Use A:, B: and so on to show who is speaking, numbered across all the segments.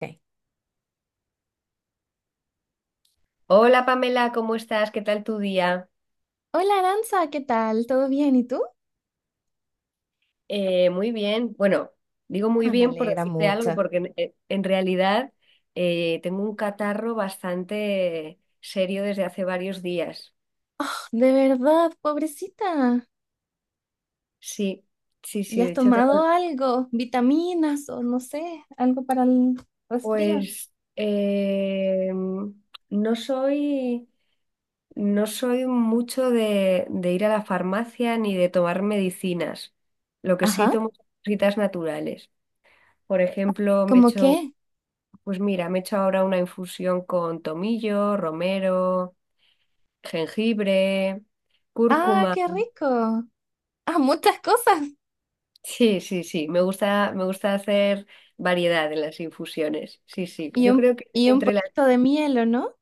A: Ok.
B: Hola Pamela, ¿cómo estás? ¿Qué tal tu día?
A: Hola Aranza, ¿qué tal? ¿Todo bien? ¿Y tú?
B: Muy bien. Bueno, digo muy
A: Ah, me
B: bien por
A: alegra
B: decirte algo,
A: mucho.
B: porque en realidad tengo un catarro bastante serio desde hace varios días.
A: De verdad, pobrecita.
B: Sí, sí, sí,
A: ¿Y
B: de
A: has
B: hecho, tengo,
A: tomado algo? ¿Vitaminas o no sé, algo para el resfrío?
B: pues eh, no soy, no soy mucho de ir a la farmacia ni de tomar medicinas. Lo que sí
A: Ajá.
B: tomo son cositas naturales. Por ejemplo, me he
A: ¿Cómo
B: hecho.
A: qué?
B: Pues mira, me he hecho ahora una infusión con tomillo, romero, jengibre,
A: Ah,
B: cúrcuma.
A: qué rico. Ah, muchas cosas.
B: Sí, sí, sí, me gusta hacer variedad en las infusiones. Sí, sí,
A: Y
B: yo
A: un,
B: creo que
A: y un
B: entre las...
A: poquito de miel, ¿o no?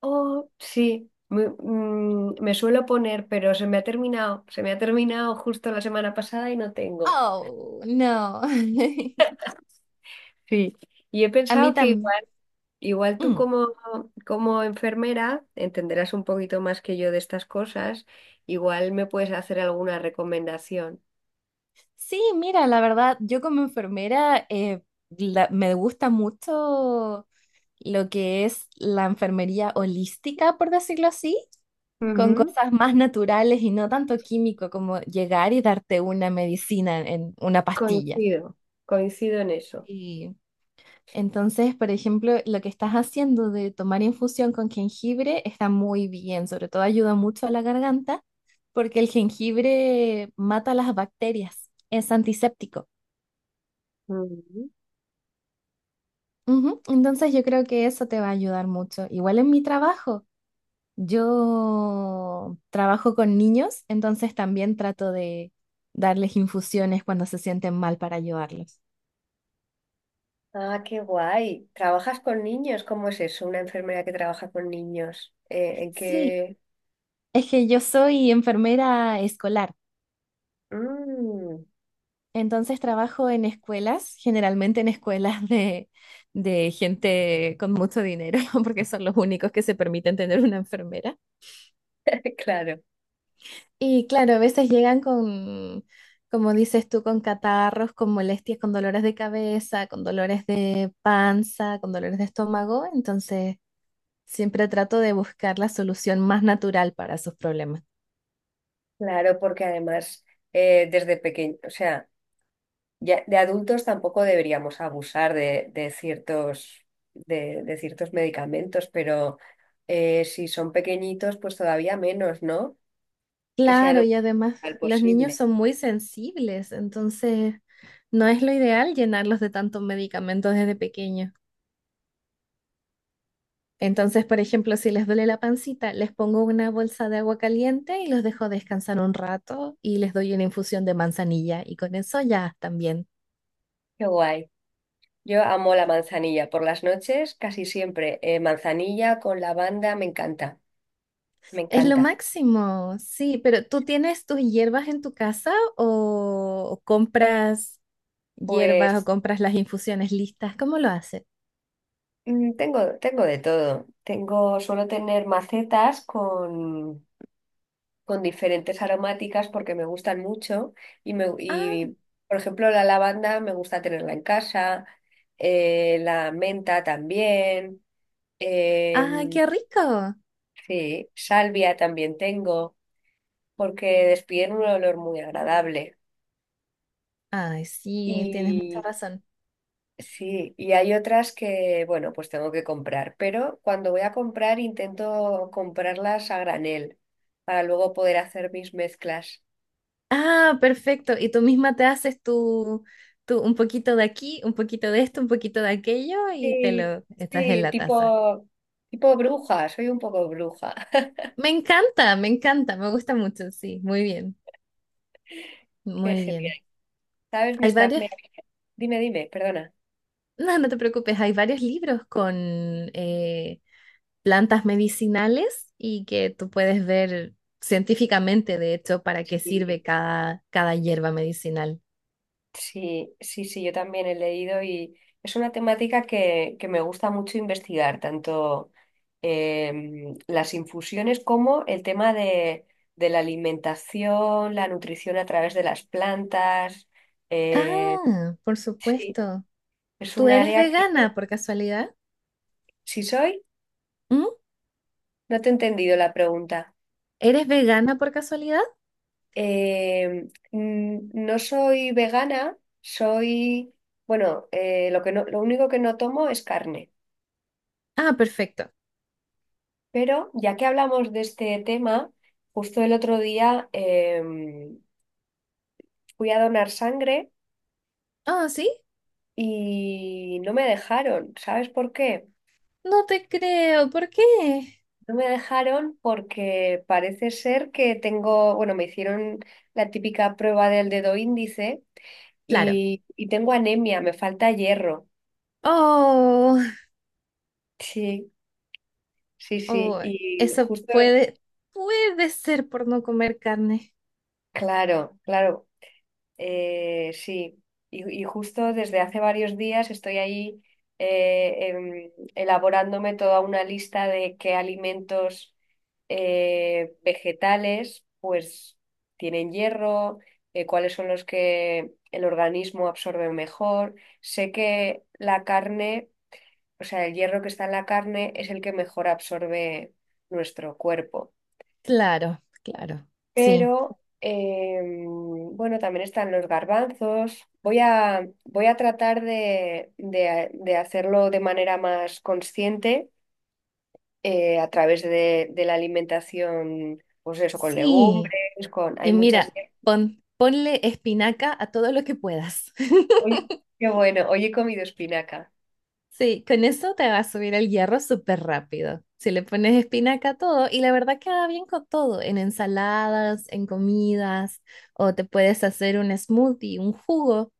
B: Oh, sí, me suelo poner, pero se me ha terminado, se me ha terminado justo la semana pasada y no tengo.
A: Oh, no.
B: Sí, y he
A: A mí
B: pensado que
A: también.
B: igual tú
A: Mm.
B: como, como enfermera entenderás un poquito más que yo de estas cosas, igual me puedes hacer alguna recomendación.
A: Sí, mira, la verdad, yo como enfermera me gusta mucho lo que es la enfermería holística, por decirlo así, con
B: Ujú.
A: cosas más naturales y no tanto químico como llegar y darte una medicina en una pastilla.
B: Coincido, coincido en eso.
A: Y entonces, por ejemplo, lo que estás haciendo de tomar infusión con jengibre está muy bien, sobre todo ayuda mucho a la garganta porque el jengibre mata las bacterias, es antiséptico.
B: Ujú.
A: Ujú, entonces yo creo que eso te va a ayudar mucho. Igual en mi trabajo, yo trabajo con niños, entonces también trato de darles infusiones cuando se sienten mal para ayudarlos.
B: Ah, qué guay. ¿Trabajas con niños? ¿Cómo es eso? Una enfermera que trabaja con niños. ¿En
A: Sí,
B: qué?
A: es que yo soy enfermera escolar,
B: Mm.
A: entonces trabajo en escuelas, generalmente en escuelas de gente con mucho dinero, porque son los únicos que se permiten tener una enfermera.
B: Claro,
A: Y claro, a veces llegan con, como dices tú, con catarros, con molestias, con dolores de cabeza, con dolores de panza, con dolores de estómago. Entonces, siempre trato de buscar la solución más natural para sus problemas.
B: claro, porque además desde pequeño, o sea... Ya, de adultos tampoco deberíamos abusar de ciertos, de ciertos medicamentos, pero si son pequeñitos, pues todavía menos, ¿no? Que sea
A: Claro,
B: lo
A: y además
B: más
A: los niños
B: posible.
A: son muy sensibles, entonces no es lo ideal llenarlos de tantos medicamentos desde pequeños. Entonces, por ejemplo, si les duele la pancita, les pongo una bolsa de agua caliente y los dejo descansar un rato y les doy una infusión de manzanilla y con eso ya están bien.
B: Qué guay. Yo amo la manzanilla. Por las noches, casi siempre, manzanilla con lavanda, me encanta, me
A: Es lo
B: encanta.
A: máximo, sí, pero ¿tú tienes tus hierbas en tu casa o compras hierbas o
B: Pues
A: compras las infusiones listas? ¿Cómo lo haces?
B: tengo, tengo de todo. Tengo, suelo tener macetas con diferentes aromáticas porque me gustan mucho
A: Ah,
B: y por ejemplo, la lavanda me gusta tenerla en casa, la menta también,
A: ah,
B: em,
A: qué rico.
B: sí, salvia también tengo porque despiden un olor muy agradable.
A: Ay, sí, tienes mucha
B: Y
A: razón.
B: sí, y hay otras que, bueno, pues tengo que comprar, pero cuando voy a comprar intento comprarlas a granel para luego poder hacer mis mezclas.
A: Ah, perfecto. Y tú misma te haces tu un poquito de aquí, un poquito de esto, un poquito de aquello y te
B: Sí,
A: lo estás en
B: sí,
A: la taza.
B: tipo, tipo bruja, soy un poco bruja.
A: Me encanta, me encanta, me gusta mucho, sí, muy bien,
B: Qué
A: muy bien.
B: genial. ¿Sabes? Me
A: Hay
B: está,
A: varios,
B: me... Dime, dime, perdona.
A: no, no te preocupes, hay varios libros con eh, plantas medicinales y que tú puedes ver científicamente, de hecho, para qué sirve
B: Sí,
A: cada, cada hierba medicinal.
B: sí, sí, sí, yo también he leído y es una temática que me gusta mucho investigar, tanto las infusiones como el tema de la alimentación, la nutrición a través de las plantas. eh,
A: Ah, por
B: sí,
A: supuesto.
B: es
A: ¿Tú
B: un
A: eres
B: área que...
A: vegana por casualidad?
B: Si soy,
A: Mm.
B: no te he entendido la pregunta.
A: ¿Eres vegana por casualidad?
B: Eh, no soy vegana, soy, bueno, lo que no, lo único que no tomo es carne.
A: Ah, perfecto.
B: Pero ya que hablamos de este tema, justo el otro día fui a donar sangre
A: Ah, ¿sí?
B: y no me dejaron. ¿Sabes por qué?
A: No te creo. ¿Por qué?
B: No me dejaron porque parece ser que tengo, bueno, me hicieron la típica prueba del dedo índice
A: Claro.
B: y tengo anemia, me falta hierro.
A: Oh,
B: Sí. Sí, sí,
A: oh,
B: y
A: eso
B: justo,
A: puede, puede ser por no comer carne.
B: claro, claro, sí, y justo desde hace varios días estoy ahí elaborándome toda una lista de qué alimentos vegetales pues tienen hierro, cuáles son los que el organismo absorbe mejor. Sé que la carne, o sea, el hierro que está en la carne es el que mejor absorbe nuestro cuerpo.
A: Claro, claro. Sí,
B: Pero bueno, también están los garbanzos. Voy a tratar de hacerlo de manera más consciente a través de la alimentación, pues eso, con
A: sí.
B: legumbres, con... Hay
A: Y
B: muchas...
A: mira, ponle espinaca a todo lo que puedas.
B: Hoy, qué bueno, hoy he comido espinaca.
A: Sí, con eso te va a subir el hierro súper rápido. Si le pones espinaca a todo, y la verdad queda bien con todo, en ensaladas, en comidas, o te puedes hacer un smoothie, un jugo,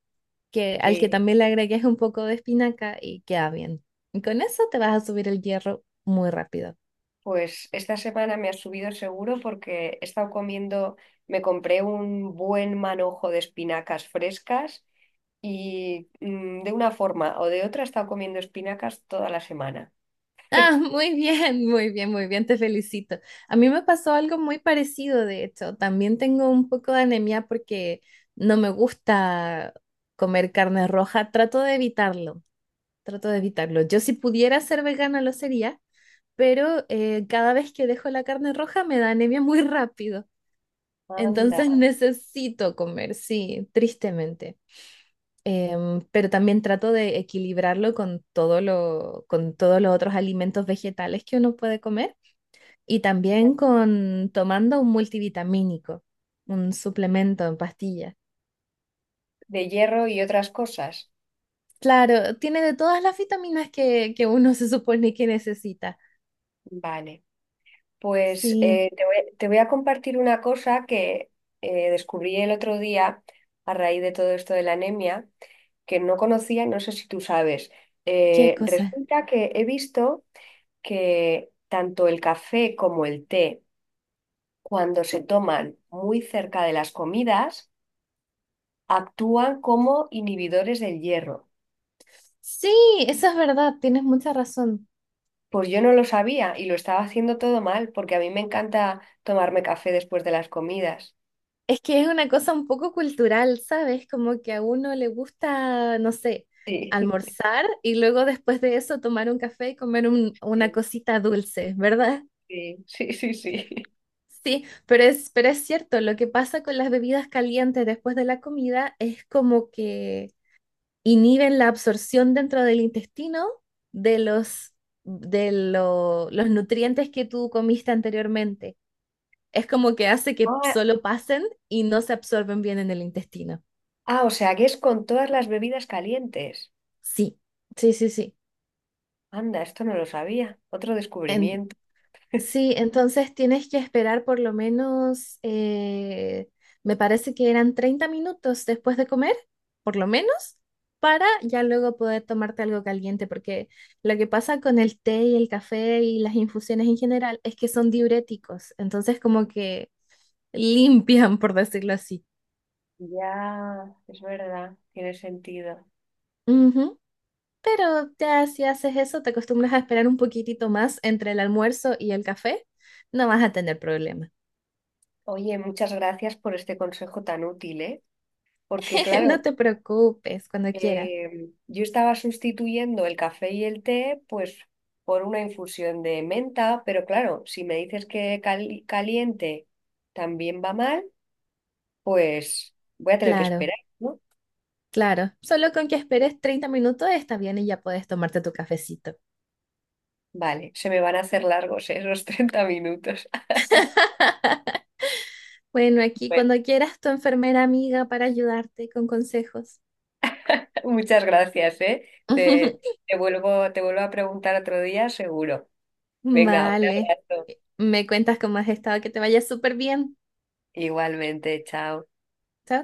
A: que, al que
B: Sí.
A: también le agregues un poco de espinaca y queda bien. Y con eso te vas a subir el hierro muy rápido.
B: Pues esta semana me ha subido seguro porque he estado comiendo, me compré un buen manojo de espinacas frescas y de una forma o de otra he estado comiendo espinacas toda la semana.
A: Ah, muy bien, muy bien, muy bien, te felicito. A mí me pasó algo muy parecido, de hecho. También tengo un poco de anemia porque no me gusta comer carne roja. Trato de evitarlo, trato de evitarlo. Yo si pudiera ser vegana lo sería, pero cada vez que dejo la carne roja me da anemia muy rápido.
B: Anda,
A: Entonces necesito comer, sí, tristemente. Pero también trato de equilibrarlo con todo lo, con todos los otros alimentos vegetales que uno puede comer y también con tomando un multivitamínico, un suplemento en pastilla.
B: de hierro y otras cosas.
A: Claro, tiene de todas las vitaminas que uno se supone que necesita.
B: Vale, pues
A: Sí,
B: te voy a compartir una cosa que descubrí el otro día a raíz de todo esto de la anemia, que no conocía, no sé si tú sabes.
A: qué cosa.
B: Resulta que he visto que tanto el café como el té, cuando se toman muy cerca de las comidas, actúan como inhibidores del hierro.
A: Sí, eso es verdad, tienes mucha razón.
B: Pues yo no lo sabía y lo estaba haciendo todo mal porque a mí me encanta tomarme café después de las comidas.
A: Es que es una cosa un poco cultural, ¿sabes? Como que a uno le gusta, no sé,
B: Sí,
A: almorzar y luego después de eso tomar un café y comer una
B: sí,
A: cosita dulce, ¿verdad?
B: sí, sí, sí, sí.
A: Sí, pero es cierto, lo que pasa con las bebidas calientes después de la comida es como que inhiben la absorción dentro del intestino de los, de los nutrientes que tú comiste anteriormente. Es como que hace que
B: Ah,
A: solo pasen y no se absorben bien en el intestino.
B: ah, o sea que es con todas las bebidas calientes.
A: Sí, sí.
B: Anda, esto no lo sabía. Otro descubrimiento.
A: Sí, entonces tienes que esperar por lo menos, me parece que eran 30 minutos después de comer, por lo menos, para ya luego poder tomarte algo caliente, porque lo que pasa con el té y el café y las infusiones en general es que son diuréticos, entonces como que limpian, por decirlo así.
B: Ya, es verdad, tiene sentido.
A: Ujú, pero ya si haces eso, te acostumbras a esperar un poquitito más entre el almuerzo y el café, no vas a tener problema.
B: Oye, muchas gracias por este consejo tan útil, ¿eh? Porque
A: No
B: claro,
A: te preocupes, cuando quieras.
B: yo estaba sustituyendo el café y el té, pues, por una infusión de menta, pero claro, si me dices que caliente también va mal, pues voy a tener que
A: Claro,
B: esperar, ¿no?
A: claro. Solo con que esperes 30 minutos está bien y ya puedes tomarte tu cafecito.
B: Vale, se me van a hacer largos, ¿eh? esos 30 minutos.
A: Bueno, aquí
B: Bueno,
A: cuando quieras tu enfermera amiga para ayudarte con consejos.
B: muchas gracias, ¿eh? Te, te vuelvo a preguntar otro día, seguro. Venga, un
A: Vale.
B: abrazo.
A: Me cuentas cómo has estado, que te vaya súper bien.
B: Igualmente, chao.
A: Chao.